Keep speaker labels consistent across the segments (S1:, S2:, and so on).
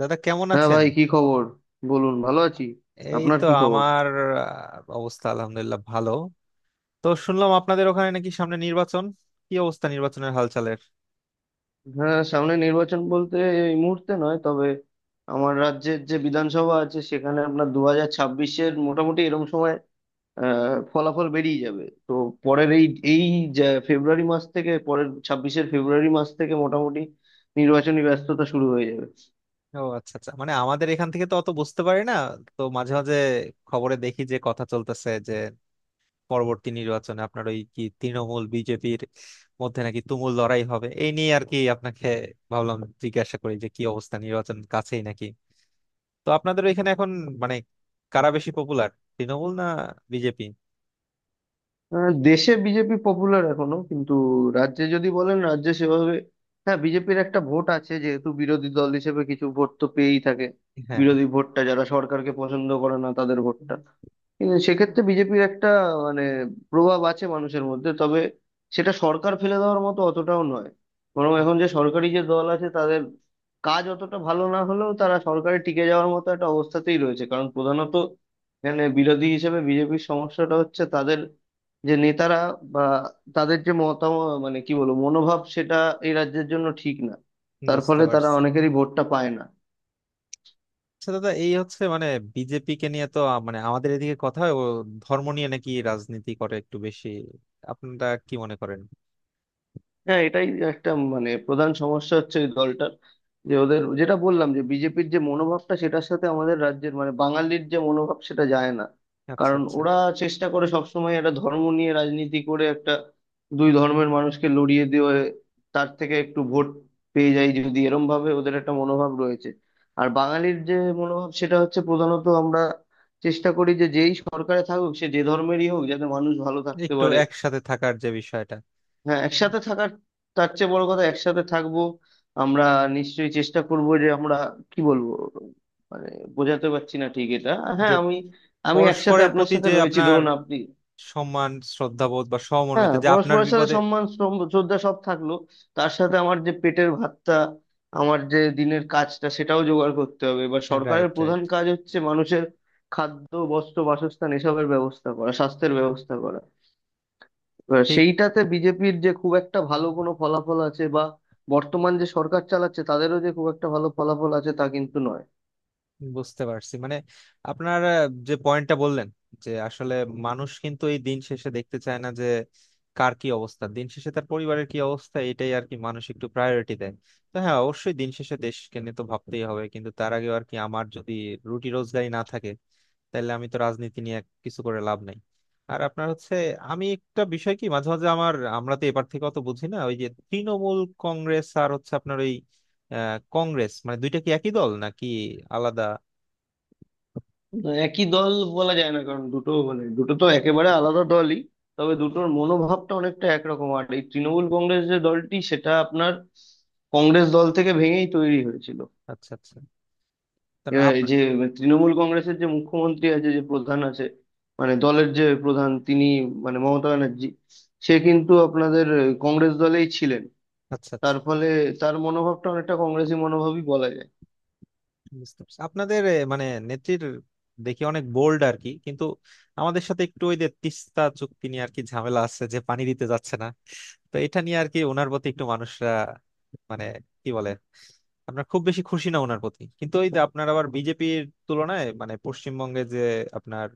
S1: দাদা, কেমন
S2: হ্যাঁ
S1: আছেন?
S2: ভাই, কি খবর? বলুন, ভালো আছি।
S1: এই
S2: আপনার
S1: তো
S2: কি খবর?
S1: আমার অবস্থা আলহামদুলিল্লাহ ভালো। তো শুনলাম আপনাদের ওখানে নাকি সামনে নির্বাচন। কি অবস্থা নির্বাচনের হালচালের?
S2: হ্যাঁ, সামনে নির্বাচন বলতে এই মুহূর্তে নয়, তবে আমার রাজ্যের যে বিধানসভা আছে সেখানে আপনার 2026-এর মোটামুটি এরকম সময় ফলাফল বেরিয়ে যাবে। তো পরের এই এই যে ফেব্রুয়ারি মাস থেকে, পরের 26-এর ফেব্রুয়ারি মাস থেকে মোটামুটি নির্বাচনী ব্যস্ততা শুরু হয়ে যাবে।
S1: ও আচ্ছা আচ্ছা, মানে আমাদের এখান থেকে তো অত বুঝতে পারি না। তো মাঝে মাঝে খবরে দেখি যে কথা চলতেছে, যে পরবর্তী নির্বাচনে আপনার ওই কি তৃণমূল বিজেপির মধ্যে নাকি তুমুল লড়াই হবে। এই নিয়ে আর কি আপনাকে ভাবলাম জিজ্ঞাসা করি যে কি অবস্থা, নির্বাচন কাছেই নাকি? তো আপনাদের ওইখানে এখন মানে কারা বেশি পপুলার? তৃণমূল না বিজেপি?
S2: দেশে বিজেপি পপুলার এখনো, কিন্তু রাজ্যে যদি বলেন, রাজ্যে সেভাবে, হ্যাঁ, বিজেপির একটা ভোট আছে, যেহেতু বিরোধী দল হিসেবে কিছু ভোট তো পেয়েই থাকে।
S1: হ্যাঁ,
S2: বিরোধী ভোটটা, যারা সরকারকে পছন্দ করে না তাদের ভোটটা, কিন্তু সেক্ষেত্রে বিজেপির একটা, মানে, প্রভাব আছে মানুষের মধ্যে। তবে সেটা সরকার ফেলে দেওয়ার মতো অতটাও নয়। বরং
S1: হ্যাঁ,
S2: এখন যে সরকারি যে দল আছে তাদের কাজ অতটা ভালো না হলেও তারা সরকারে টিকে যাওয়ার মতো একটা অবস্থাতেই রয়েছে, কারণ প্রধানত, মানে বিরোধী হিসেবে বিজেপির সমস্যাটা হচ্ছে তাদের যে নেতারা, বা তাদের যে মতামত, মানে কি বলবো, মনোভাব, সেটা এই রাজ্যের জন্য ঠিক না। তার
S1: বুঝতে
S2: ফলে তারা
S1: পারছি।
S2: অনেকেরই ভোটটা পায় না।
S1: আচ্ছা দাদা, এই হচ্ছে মানে বিজেপি কে নিয়ে তো মানে আমাদের এদিকে কথা হয়, ও ধর্ম নিয়ে নাকি রাজনীতি করে একটু বেশি। আপনারা কি মনে করেন?
S2: হ্যাঁ, এটাই একটা, মানে প্রধান সমস্যা হচ্ছে এই দলটার, যে ওদের, যেটা বললাম, যে বিজেপির যে মনোভাবটা সেটার সাথে আমাদের রাজ্যের, মানে বাঙালির যে মনোভাব, সেটা যায় না।
S1: আচ্ছা
S2: কারণ
S1: আচ্ছা,
S2: ওরা চেষ্টা করে সবসময় একটা ধর্ম নিয়ে রাজনীতি করে, একটা দুই ধর্মের মানুষকে লড়িয়ে দিয়ে তার থেকে একটু ভোট পেয়ে যায় যদি, এরম ভাবে ওদের একটা মনোভাব রয়েছে। আর বাঙালির যে মনোভাব সেটা হচ্ছে প্রধানত আমরা চেষ্টা করি যে যেই সরকারে থাকুক, সে যে ধর্মেরই হোক, যাতে মানুষ ভালো থাকতে
S1: একটু
S2: পারে।
S1: একসাথে থাকার যে বিষয়টা।
S2: হ্যাঁ,
S1: হ্যাঁ।
S2: একসাথে থাকার, তার চেয়ে বড় কথা একসাথে থাকবো আমরা। নিশ্চয়ই চেষ্টা করব যে আমরা, কি বলবো, মানে বোঝাতে পারছি না ঠিক এটা।
S1: যে
S2: হ্যাঁ, আমি আমি একসাথে
S1: পরস্পরের
S2: আপনার
S1: প্রতি,
S2: সাথে
S1: যে
S2: রয়েছি,
S1: আপনার
S2: ধরুন আপনি।
S1: সম্মান, শ্রদ্ধাবোধ বা
S2: হ্যাঁ,
S1: সহমর্মিতা, যে আপনার
S2: পরস্পরের সাথে
S1: বিপদে।
S2: সম্মান, শ্রদ্ধা সব থাকলো। তার সাথে আমার যে পেটের ভাতটা, আমার যে দিনের কাজটা, সেটাও জোগাড় করতে হবে। এবার সরকারের
S1: রাইট,
S2: প্রধান
S1: রাইট।
S2: কাজ হচ্ছে মানুষের খাদ্য, বস্ত্র, বাসস্থান এসবের ব্যবস্থা করা, স্বাস্থ্যের ব্যবস্থা করা। এবার
S1: ঠিক।
S2: সেইটাতে বিজেপির যে খুব একটা ভালো কোনো ফলাফল আছে, বা বর্তমান যে সরকার চালাচ্ছে তাদেরও যে খুব একটা ভালো ফলাফল আছে, তা কিন্তু নয়।
S1: বুঝতে পারছি, মানে আপনার যে পয়েন্টটা বললেন, যে আসলে মানুষ কিন্তু এই দিন শেষে দেখতে চায় না যে কার কি অবস্থা, দিন শেষে তার পরিবারের কি অবস্থা এটাই আর কি মানুষ একটু প্রায়োরিটি দেয়। তো হ্যাঁ, অবশ্যই দিন শেষে দেশকে নিয়ে তো ভাবতেই হবে, কিন্তু তার আগে আর কি আমার যদি রুটি রোজগারি না থাকে তাহলে আমি তো রাজনীতি নিয়ে কিছু করে লাভ নাই। আর আপনার হচ্ছে, আমি একটা বিষয় কি মাঝে মাঝে আমরা তো এবার থেকে অত বুঝি না, ওই যে তৃণমূল কংগ্রেস আর হচ্ছে আপনার ওই কংগ্রেস, মানে দুইটা কি একই দল নাকি আলাদা?
S2: একই দল বলা যায় না, কারণ দুটো, মানে দুটো তো একেবারে আলাদা দলই। তবে দুটোর মনোভাবটা অনেকটা একরকম। আর এই তৃণমূল কংগ্রেস যে দলটি, সেটা আপনার কংগ্রেস দল থেকে ভেঙেই তৈরি হয়েছিল।
S1: আচ্ছা আচ্ছা, তারপর
S2: এবার এই
S1: আপনার।
S2: যে তৃণমূল কংগ্রেসের যে মুখ্যমন্ত্রী আছে, যে প্রধান আছে, মানে দলের যে প্রধান তিনি, মানে মমতা ব্যানার্জি, সে কিন্তু আপনাদের কংগ্রেস দলেই ছিলেন।
S1: আচ্ছা আচ্ছা,
S2: তার ফলে তার মনোভাবটা অনেকটা কংগ্রেসী মনোভাবই বলা যায়।
S1: বুঝতে পারছি আপনাদের মানে নেত্রীর দেখি অনেক বোল্ড আর কি, কিন্তু আমাদের সাথে একটু ওই যে তিস্তা চুক্তি নিয়ে আর কি ঝামেলা আছে, যে পানি দিতে যাচ্ছে না। তো এটা নিয়ে আর কি ওনার প্রতি একটু মানুষরা মানে কি বলে, আমরা খুব বেশি খুশি না ওনার প্রতি, কিন্তু ওই যে আপনার আবার বিজেপির তুলনায় মানে পশ্চিমবঙ্গে যে আপনার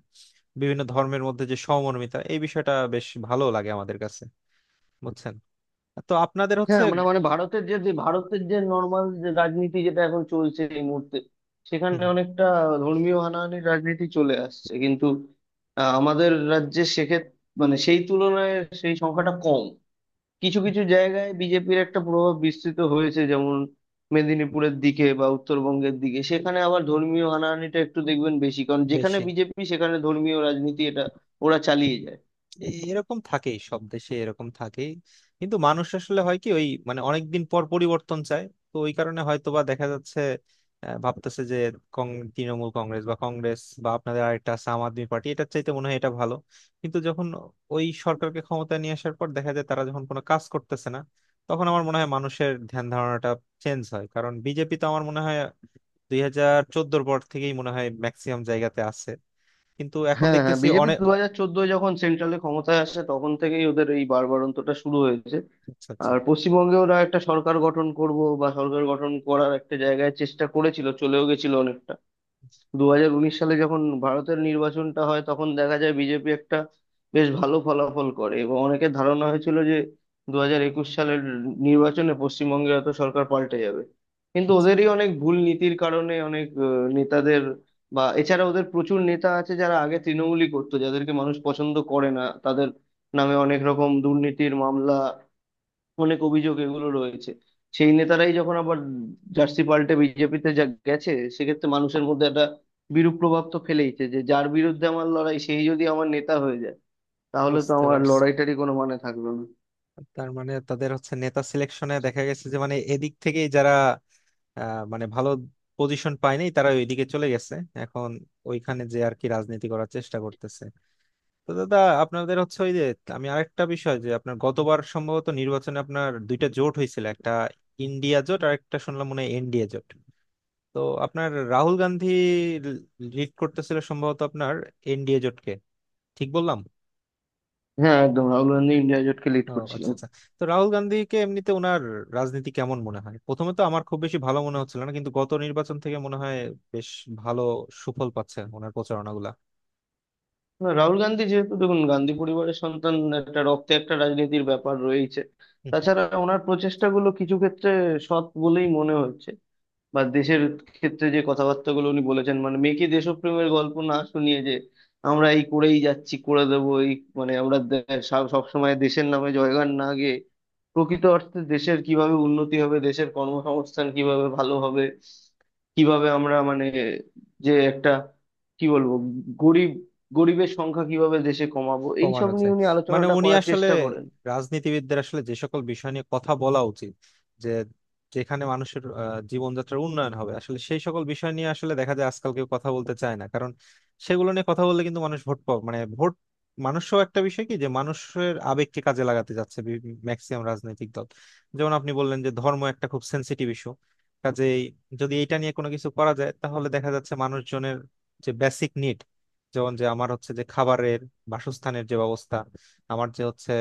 S1: বিভিন্ন ধর্মের মধ্যে যে সমমর্মিতা এই বিষয়টা বেশ ভালো লাগে আমাদের কাছে, বুঝছেন? তো আপনাদের
S2: হ্যাঁ
S1: হচ্ছে।
S2: আমরা, মানে ভারতের যে, ভারতের যে নর্মাল যে রাজনীতি যেটা এখন চলছে এই মুহূর্তে,
S1: হুম,
S2: সেখানে
S1: হুম।
S2: অনেকটা ধর্মীয় হানাহানির রাজনীতি চলে আসছে, কিন্তু আমাদের রাজ্যে সেক্ষেত্রে, মানে সেই তুলনায় সেই সংখ্যাটা কম। কিছু কিছু জায়গায় বিজেপির একটা প্রভাব বিস্তৃত হয়েছে, যেমন মেদিনীপুরের দিকে বা উত্তরবঙ্গের দিকে। সেখানে আবার ধর্মীয় হানাহানিটা একটু দেখবেন বেশি, কারণ যেখানে
S1: বেশি।
S2: বিজেপি সেখানে ধর্মীয় রাজনীতি, এটা ওরা চালিয়ে যায়।
S1: এরকম থাকেই, সব দেশে এরকম থাকেই। কিন্তু মানুষ আসলে হয় কি ওই মানে অনেকদিন পর পরিবর্তন চায়। তো ওই কারণে হয়তোবা দেখা যাচ্ছে ভাবতেছে যে তৃণমূল কংগ্রেস বা কংগ্রেস বা আপনাদের আরেকটা আছে আম আদমি পার্টি, এটার চাইতে মনে হয় এটা ভালো। কিন্তু যখন ওই সরকারকে ক্ষমতা নিয়ে আসার পর দেখা যায় তারা যখন কোনো কাজ করতেছে না, তখন আমার মনে হয় মানুষের ধ্যান ধারণাটা চেঞ্জ হয়। কারণ বিজেপি তো আমার মনে হয় 2014-র পর থেকেই মনে হয় ম্যাক্সিমাম জায়গাতে আছে, কিন্তু এখন
S2: হ্যাঁ, হ্যাঁ,
S1: দেখতেছি
S2: বিজেপি
S1: অনেক।
S2: 2014-য় যখন সেন্ট্রালে ক্ষমতায় আসে তখন থেকেই ওদের এই বাড়বাড়ন্তটা শুরু হয়েছে।
S1: আচ্ছা
S2: আর পশ্চিমবঙ্গে ওরা একটা সরকার গঠন করব বা সরকার গঠন করার একটা জায়গায় চেষ্টা করেছিল, চলেও গেছিল অনেকটা। 2019 সালে যখন ভারতের নির্বাচনটা হয় তখন দেখা যায় বিজেপি একটা বেশ ভালো ফলাফল করে এবং অনেকের ধারণা হয়েছিল যে 2021 সালের নির্বাচনে পশ্চিমবঙ্গের হয়তো সরকার পাল্টে যাবে। কিন্তু
S1: আচ্ছা।
S2: ওদেরই অনেক ভুল নীতির কারণে, অনেক নেতাদের, বা এছাড়া ওদের প্রচুর নেতা আছে যারা আগে তৃণমূলই করতো, যাদেরকে মানুষ পছন্দ করে না, তাদের নামে অনেক রকম দুর্নীতির মামলা, অনেক অভিযোগ এগুলো রয়েছে। সেই নেতারাই যখন আবার জার্সি পাল্টে বিজেপিতে যা গেছে, সেক্ষেত্রে মানুষের মধ্যে একটা বিরূপ প্রভাব তো ফেলেইছে, যে যার বিরুদ্ধে আমার লড়াই সেই যদি আমার নেতা হয়ে যায়, তাহলে তো
S1: বুঝতে
S2: আমার
S1: পারছি।
S2: লড়াইটারই কোনো মানে থাকলো না।
S1: তার মানে তাদের হচ্ছে নেতা সিলেকশনে দেখা গেছে যে মানে এদিক থেকেই যারা মানে ভালো পজিশন পায়নি তারা ওইদিকে চলে গেছে। এখন ওইখানে যে আর কি রাজনীতি করার চেষ্টা করতেছে। তো দাদা, আপনাদের হচ্ছে ওই যে, আমি আরেকটা বিষয় যে আপনার গতবার সম্ভবত নির্বাচনে আপনার দুইটা জোট হয়েছিল, একটা ইন্ডিয়া জোট আর একটা শুনলাম মনে হয় এনডিএ জোট। তো আপনার রাহুল গান্ধী লিড করতেছিল সম্ভবত আপনার এনডিএ জোটকে, ঠিক বললাম?
S2: হ্যাঁ একদম, রাহুল গান্ধী ইন্ডিয়া জোটকে লিড
S1: ও আচ্ছা
S2: করছিলেন।
S1: আচ্ছা। তো রাহুল গান্ধীকে এমনিতে ওনার রাজনীতি কেমন মনে হয়? প্রথমে তো আমার খুব বেশি ভালো মনে হচ্ছিল না, কিন্তু গত নির্বাচন থেকে মনে হয় বেশ ভালো সুফল পাচ্ছে ওনার প্রচারণাগুলা।
S2: না, রাহুল গান্ধী যেহেতু, দেখুন, গান্ধী পরিবারের সন্তান, একটা রক্তে একটা রাজনীতির ব্যাপার রয়েছে। তাছাড়া ওনার প্রচেষ্টাগুলো কিছু ক্ষেত্রে সৎ বলেই মনে হচ্ছে। বা দেশের ক্ষেত্রে যে কথাবার্তাগুলো উনি বলেছেন, মানে মেয়েকে দেশপ্রেমের গল্প না শুনিয়ে যে আমরা এই করেই যাচ্ছি, করে দেবো এই, মানে সব সময় দেশের নামে জয়গান না গেয়ে প্রকৃত অর্থে দেশের কিভাবে উন্নতি হবে, দেশের কর্মসংস্থান কিভাবে ভালো হবে, কিভাবে আমরা, মানে যে একটা, কি বলবো, গরিব, গরিবের সংখ্যা কিভাবে দেশে কমাবো,
S1: কমানো
S2: এইসব নিয়ে
S1: যায়।
S2: উনি
S1: মানে
S2: আলোচনাটা
S1: উনি
S2: করার
S1: আসলে
S2: চেষ্টা করেন।
S1: রাজনীতিবিদদের আসলে যে সকল বিষয় নিয়ে কথা বলা উচিত, যে যেখানে মানুষের জীবনযাত্রার উন্নয়ন হবে, আসলে সেই সকল বিষয় নিয়ে আসলে দেখা যায় আজকাল কেউ কথা বলতে চায় না, কারণ সেগুলো নিয়ে কথা বললে কিন্তু মানুষ ভোট পাবে মানে ভোট। মানুষও একটা বিষয় কি যে মানুষের আবেগকে কাজে লাগাতে যাচ্ছে ম্যাক্সিমাম রাজনৈতিক দল। যেমন আপনি বললেন যে ধর্ম একটা খুব সেন্সিটিভ ইস্যু, কাজেই যদি এটা নিয়ে কোনো কিছু করা যায়, তাহলে দেখা যাচ্ছে মানুষজনের যে বেসিক নিড, যেমন যে আমার হচ্ছে যে খাবারের, বাসস্থানের যে ব্যবস্থা, আমার যে হচ্ছে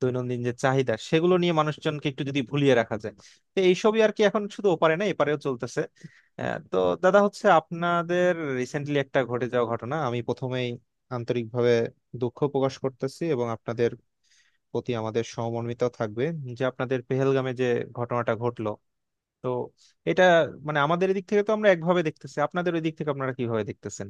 S1: দৈনন্দিন যে চাহিদা, সেগুলো নিয়ে মানুষজনকে একটু যদি ভুলিয়ে রাখা যায়। তো এইসবই আর কি এখন শুধু ওপারে না এপারেও চলতেছে। তো দাদা, হচ্ছে আপনাদের রিসেন্টলি একটা ঘটে যাওয়া ঘটনা, আমি প্রথমেই আন্তরিকভাবে দুঃখ প্রকাশ করতেছি, এবং আপনাদের প্রতি আমাদের সহমর্মিতাও থাকবে। যে আপনাদের পেহেলগামে যে ঘটনাটা ঘটলো, তো এটা মানে আমাদের এদিক থেকে তো আমরা একভাবে দেখতেছি, আপনাদের ওই দিক থেকে আপনারা কিভাবে দেখতেছেন?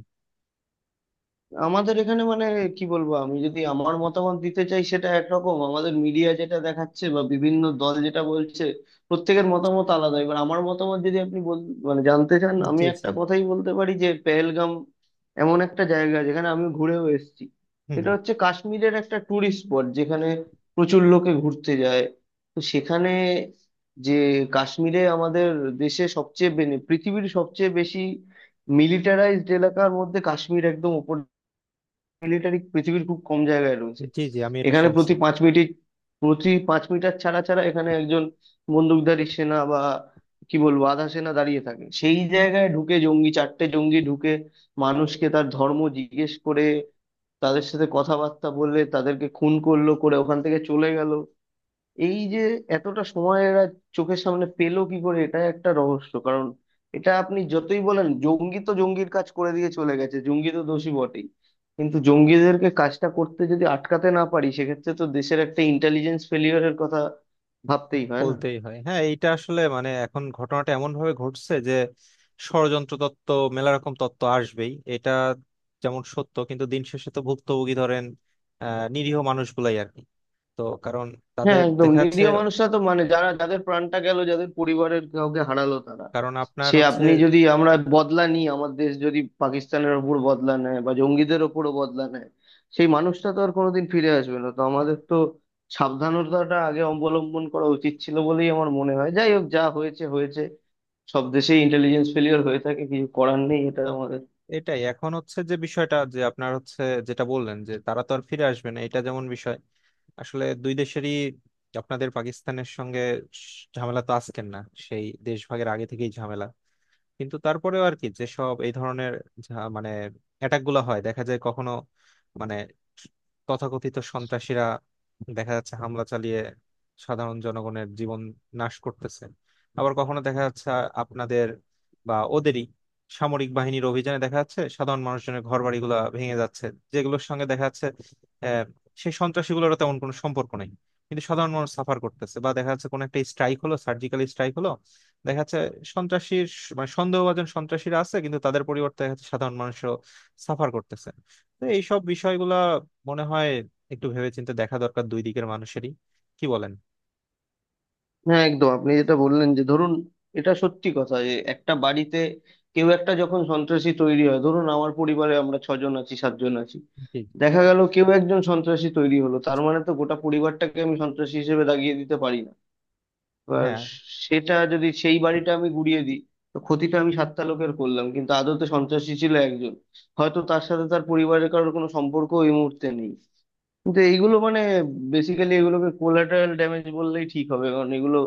S2: আমাদের এখানে, মানে, কি বলবো, আমি যদি আমার মতামত দিতে চাই সেটা একরকম, আমাদের মিডিয়া যেটা দেখাচ্ছে বা বিভিন্ন দল যেটা বলছে প্রত্যেকের মতামত আলাদা। এবার আমার মতামত যদি আপনি মানে জানতে চান, আমি
S1: জি, জি।
S2: একটা কথাই বলতে পারি যে পেহেলগাম এমন একটা জায়গা যেখানে আমি ঘুরেও এসেছি।
S1: হুম,
S2: সেটা
S1: হুম।
S2: হচ্ছে কাশ্মীরের একটা ট্যুরিস্ট স্পট যেখানে প্রচুর লোকে ঘুরতে যায়। তো সেখানে, যে কাশ্মীরে আমাদের দেশে সবচেয়ে বেনে পৃথিবীর সবচেয়ে বেশি মিলিটারাইজড এলাকার মধ্যে কাশ্মীর একদম, মিলিটারি পৃথিবীর খুব কম জায়গায় রয়েছে।
S1: জি, জি, আমি এটা
S2: এখানে
S1: শুনছি।
S2: প্রতি 5 মিনিট, প্রতি 5 মিটার ছাড়া ছাড়া এখানে একজন বন্দুকধারী সেনা বা, কি বলবো, আধা সেনা দাঁড়িয়ে থাকে। সেই জায়গায় ঢুকে জঙ্গি, চারটে জঙ্গি ঢুকে মানুষকে তার ধর্ম জিজ্ঞেস করে, তাদের সাথে কথাবার্তা বলে, তাদেরকে খুন করলো করে ওখান থেকে চলে গেল। এই যে এতটা সময় এরা চোখের সামনে পেলো কি করে, এটা একটা রহস্য। কারণ এটা আপনি যতই বলেন জঙ্গি, তো জঙ্গির কাজ করে দিয়ে চলে গেছে, জঙ্গি তো দোষী বটেই, কিন্তু জঙ্গিদেরকে কাজটা করতে যদি আটকাতে না পারি সেক্ষেত্রে তো দেশের একটা ইন্টেলিজেন্স ফেলিওরের কথা ভাবতেই হয় না।
S1: বলতেই হয়, হ্যাঁ। এইটা আসলে মানে এখন ঘটনাটা এমন ভাবে ঘটছে যে ষড়যন্ত্র তত্ত্ব, মেলা রকম তত্ত্ব আসবেই। এটা যেমন সত্য, কিন্তু দিন শেষে তো ভুক্তভোগী ধরেন নিরীহ মানুষগুলাই আর কি। তো কারণ
S2: হ্যাঁ
S1: তাদের
S2: একদম,
S1: দেখা যাচ্ছে,
S2: নিরীহ মানুষরা তো, মানে যারা, যাদের প্রাণটা গেল, যাদের পরিবারের কাউকে হারালো, তারা,
S1: কারণ আপনার
S2: সে
S1: হচ্ছে।
S2: আপনি যদি, আমরা বদলা নিই, আমার দেশ যদি পাকিস্তানের ওপর বদলা নেয় বা জঙ্গিদের ওপরও বদলা নেয়, সেই মানুষটা তো আর কোনোদিন ফিরে আসবে না। তো
S1: আহ,
S2: আমাদের তো সাবধানতাটা আগে অবলম্বন করা উচিত ছিল বলেই আমার মনে হয়। যাই হোক, যা হয়েছে হয়েছে। সব দেশেই ইন্টেলিজেন্স ফেলিওর হয়ে থাকে, কিছু করার নেই, এটা আমাদের।
S1: এটাই এখন হচ্ছে যে বিষয়টা, যে আপনার হচ্ছে যেটা বললেন যে তারা তো আর ফিরে আসবে না, এটা যেমন বিষয়। আসলে দুই দেশেরই, আপনাদের পাকিস্তানের সঙ্গে ঝামেলা তো আজকের না, সেই দেশ ভাগের আগে থেকেই ঝামেলা। কিন্তু তারপরেও আর কি যেসব এই ধরনের মানে অ্যাটাক গুলো হয় দেখা যায় কখনো মানে তথাকথিত সন্ত্রাসীরা দেখা যাচ্ছে হামলা চালিয়ে সাধারণ জনগণের জীবন নাশ করতেছে। আবার কখনো দেখা যাচ্ছে আপনাদের বা ওদেরই সামরিক বাহিনীর অভিযানে দেখা যাচ্ছে সাধারণ মানুষজনের ঘর বাড়িগুলা ভেঙে যাচ্ছে, যেগুলোর সঙ্গে দেখা যাচ্ছে আহ সেই সন্ত্রাসীগুলোর তেমন কোনো সম্পর্ক নেই, কিন্তু সাধারণ মানুষ সাফার করতেছে। বা দেখা যাচ্ছে কোনো একটা স্ট্রাইক হলো, সার্জিক্যাল স্ট্রাইক হলো, দেখা যাচ্ছে মানে সন্দেহভাজন সন্ত্রাসীরা আছে কিন্তু তাদের পরিবর্তে দেখা যাচ্ছে সাধারণ মানুষও সাফার করতেছে। তো এইসব বিষয়গুলা মনে হয় একটু ভেবেচিন্তে দেখা দরকার দুই দিকের মানুষেরই, কি বলেন?
S2: হ্যাঁ একদম, আপনি যেটা বললেন, যে ধরুন, এটা সত্যি কথা যে একটা বাড়িতে কেউ একটা যখন সন্ত্রাসী তৈরি হয়, ধরুন আমার পরিবারে আমরা ছজন আছি, সাতজন আছি,
S1: জি।
S2: দেখা গেল কেউ একজন সন্ত্রাসী তৈরি হলো, তার মানে তো গোটা পরিবারটাকে আমি সন্ত্রাসী হিসেবে দাগিয়ে দিতে পারি না। এবার
S1: হ্যাঁ।
S2: সেটা যদি, সেই বাড়িটা আমি গুড়িয়ে দিই, তো ক্ষতিটা আমি সাতটা লোকের করলাম, কিন্তু আদতে সন্ত্রাসী ছিল একজন। হয়তো তার সাথে তার পরিবারের কারোর কোনো সম্পর্ক এই মুহূর্তে নেই। কিন্তু এইগুলো, মানে বেসিক্যালি এগুলোকে কোলাটারাল ড্যামেজ বললেই ঠিক হবে, কারণ এগুলো,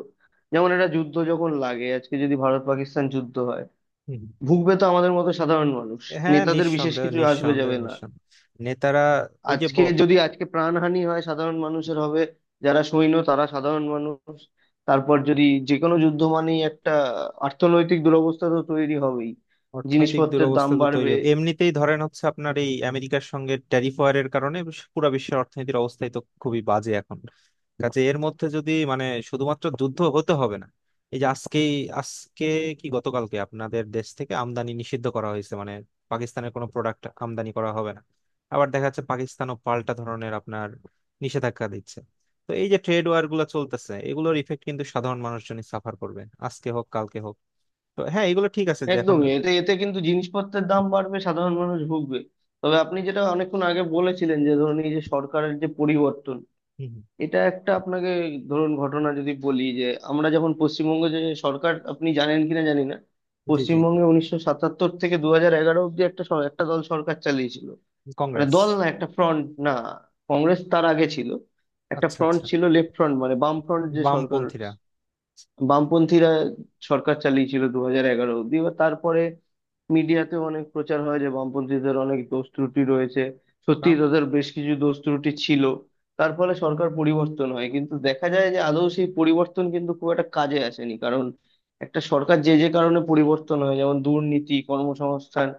S2: যেমন একটা যুদ্ধ যখন লাগে, আজকে যদি ভারত পাকিস্তান যুদ্ধ হয়,
S1: হুম।
S2: ভুগবে তো আমাদের মতো সাধারণ মানুষ।
S1: হ্যাঁ,
S2: নেতাদের বিশেষ
S1: নিঃসন্দেহ,
S2: কিছু আসবে
S1: নিঃসন্দেহ,
S2: যাবে না।
S1: নিঃসন্দেহ। নেতারা ওই যে
S2: আজকে যদি, আজকে প্রাণহানি হয়, সাধারণ মানুষের হবে। যারা সৈন্য তারা সাধারণ মানুষ। তারপর যদি, যে কোনো যুদ্ধ মানেই একটা অর্থনৈতিক দুরবস্থা তো তৈরি হবেই,
S1: অর্থনৈতিক
S2: জিনিসপত্রের দাম
S1: দুরবস্থা তো তৈরি
S2: বাড়বে।
S1: হবে। এমনিতেই ধরেন হচ্ছে আপনার এই আমেরিকার সঙ্গে ট্যারিফ ওয়ারের কারণে পুরো বিশ্বের অর্থনীতির অবস্থাই তো খুবই বাজে এখন। কাজে এর মধ্যে যদি মানে শুধুমাত্র যুদ্ধ হতে হবে না, এই যে আজকেই আজকে কি গতকালকে আপনাদের দেশ থেকে আমদানি নিষিদ্ধ করা হয়েছে, মানে পাকিস্তানের কোনো প্রোডাক্ট আমদানি করা হবে না। আবার দেখা যাচ্ছে পাকিস্তানও পাল্টা ধরনের আপনার নিষেধাজ্ঞা দিচ্ছে। তো এই যে ট্রেড ওয়ার গুলো চলতেছে, এগুলোর ইফেক্ট কিন্তু সাধারণ মানুষজনই সাফার করবে আজকে হোক কালকে হোক। তো হ্যাঁ, এগুলো ঠিক আছে যে এখন।
S2: একদমই এতে এতে কিন্তু জিনিসপত্রের দাম বাড়বে, সাধারণ মানুষ ভুগবে। তবে আপনি যেটা অনেকক্ষণ আগে বলেছিলেন, যে ধরুন, এই যে সরকারের যে পরিবর্তন,
S1: হুম,
S2: এটা একটা আপনাকে, ধরুন ঘটনা যদি বলি, যে আমরা যখন পশ্চিমবঙ্গে যে সরকার, আপনি জানেন কিনা জানি না,
S1: হুম। জি, জি।
S2: পশ্চিমবঙ্গে 1977 থেকে 2011 অব্দি একটা একটা দল সরকার চালিয়েছিল, মানে
S1: কংগ্রেস।
S2: দল না, একটা ফ্রন্ট, না কংগ্রেস তার আগে ছিল, একটা
S1: আচ্ছা
S2: ফ্রন্ট
S1: আচ্ছা।
S2: ছিল, লেফট ফ্রন্ট, মানে বাম ফ্রন্ট যে সরকার,
S1: বামপন্থীরা।
S2: বামপন্থীরা সরকার চালিয়েছিল 2011 অব্দি। এবার তারপরে মিডিয়াতে অনেক প্রচার হয় যে বামপন্থীদের অনেক দোষ ত্রুটি রয়েছে। সত্যি
S1: বাম।
S2: তাদের বেশ কিছু দোষ ত্রুটি ছিল, তার ফলে সরকার পরিবর্তন হয়। কিন্তু দেখা যায় যে আদৌ সেই পরিবর্তন কিন্তু খুব একটা কাজে আসেনি, কারণ একটা সরকার যে যে কারণে পরিবর্তন হয়, যেমন দুর্নীতি, কর্মসংস্থান,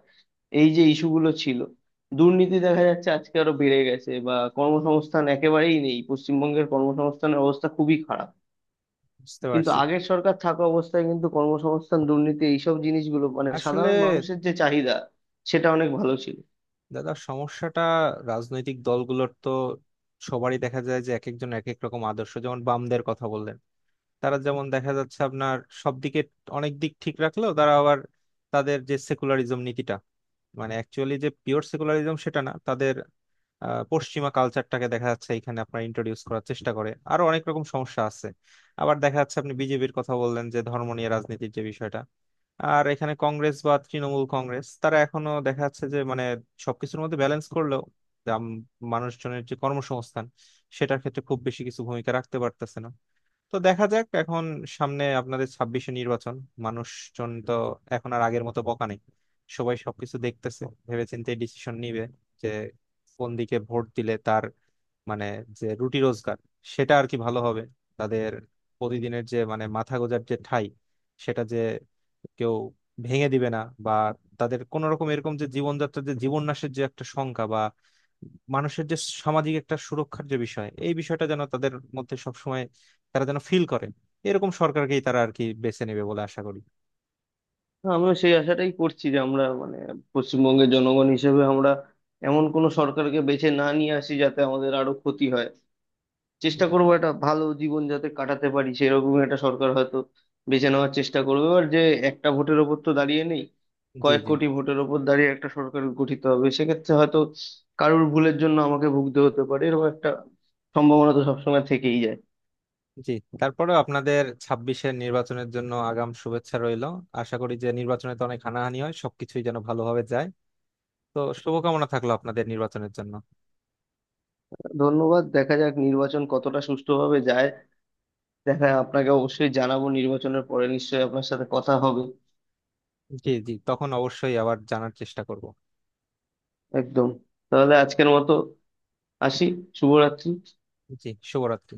S2: এই যে ইস্যুগুলো ছিল, দুর্নীতি দেখা যাচ্ছে আজকে আরো বেড়ে গেছে, বা কর্মসংস্থান একেবারেই নেই, পশ্চিমবঙ্গের কর্মসংস্থানের অবস্থা খুবই খারাপ।
S1: বুঝতে
S2: কিন্তু
S1: পারছি।
S2: আগের সরকার থাকা অবস্থায় কিন্তু কর্মসংস্থান, দুর্নীতি, এইসব জিনিসগুলো, মানে
S1: আসলে
S2: সাধারণ মানুষের যে চাহিদা, সেটা অনেক ভালো ছিল।
S1: দাদা সমস্যাটা রাজনৈতিক দলগুলোর তো সবারই দেখা যায় যে এক একজন এক এক রকম আদর্শ, যেমন বামদের কথা বললেন, তারা যেমন দেখা যাচ্ছে আপনার সব দিকে অনেক দিক ঠিক রাখলেও তারা আবার তাদের যে সেকুলারিজম নীতিটা, মানে অ্যাকচুয়ালি যে পিওর সেকুলারিজম সেটা না তাদের, পশ্চিমা কালচারটাকে দেখা যাচ্ছে এখানে আপনার ইন্ট্রোডিউস করার চেষ্টা করে আরো অনেক রকম সমস্যা আছে। আবার দেখা যাচ্ছে আপনি বিজেপির কথা বললেন যে ধর্ম নিয়ে রাজনীতির যে বিষয়টা, আর এখানে কংগ্রেস বা তৃণমূল কংগ্রেস তারা এখনো দেখা যাচ্ছে যে মানে সবকিছুর মধ্যে ব্যালেন্স করলেও যে মানুষজনের যে কর্মসংস্থান সেটার ক্ষেত্রে খুব বেশি কিছু ভূমিকা রাখতে পারতেছে না। তো দেখা যাক এখন, সামনে আপনাদের ছাব্বিশে নির্বাচন, মানুষজন তো এখন আর আগের মতো বকা নেই, সবাই সবকিছু দেখতেছে ভেবেচিন্তে ডিসিশন নিবে যে কোন দিকে ভোট দিলে তার মানে যে রুটি রোজগার সেটা আর কি ভালো হবে, তাদের প্রতিদিনের যে মানে মাথা গোঁজার যে ঠাই সেটা যে কেউ ভেঙে দিবে না, বা তাদের কোন রকম এরকম যে জীবনযাত্রার যে জীবন্যাসের যে একটা সংখ্যা বা মানুষের যে সামাজিক একটা সুরক্ষার যে বিষয় এই বিষয়টা যেন তাদের মধ্যে সবসময় তারা যেন ফিল করে, এরকম সরকারকেই তারা আর কি বেছে নেবে বলে আশা করি।
S2: তো আমিও সেই আশাটাই করছি যে আমরা, মানে পশ্চিমবঙ্গের জনগণ হিসেবে আমরা এমন কোনো সরকারকে বেছে না নিয়ে আসি যাতে আমাদের আরো ক্ষতি হয়। চেষ্টা করবো একটা ভালো জীবন যাতে কাটাতে পারি সেরকম একটা সরকার হয়তো বেছে নেওয়ার চেষ্টা করবে। আর যে একটা ভোটের ওপর তো দাঁড়িয়ে নেই,
S1: জি,
S2: কয়েক
S1: জি।
S2: কোটি ভোটের ওপর দাঁড়িয়ে একটা সরকার গঠিত হবে, সেক্ষেত্রে হয়তো কারোর ভুলের জন্য আমাকে ভুগতে হতে পারে, এরকম একটা সম্ভাবনা তো সবসময় থেকেই যায়।
S1: জি। তারপরে আপনাদের ছাব্বিশের নির্বাচনের জন্য আগাম শুভেচ্ছা রইল। আশা করি যে নির্বাচনে তো অনেক হানাহানি হয়, সবকিছুই যেন ভালোভাবে যায়। তো শুভকামনা থাকলো আপনাদের নির্বাচনের জন্য।
S2: ধন্যবাদ। দেখা যাক নির্বাচন কতটা সুষ্ঠুভাবে যায়। দেখা আপনাকে অবশ্যই জানাবো, নির্বাচনের পরে নিশ্চয়ই আপনার সাথে কথা হবে।
S1: জি, জি, তখন অবশ্যই আবার জানার চেষ্টা করব।
S2: একদম। তাহলে আজকের মতো আসি। শুভরাত্রি।
S1: জি, শুভরাত্রি।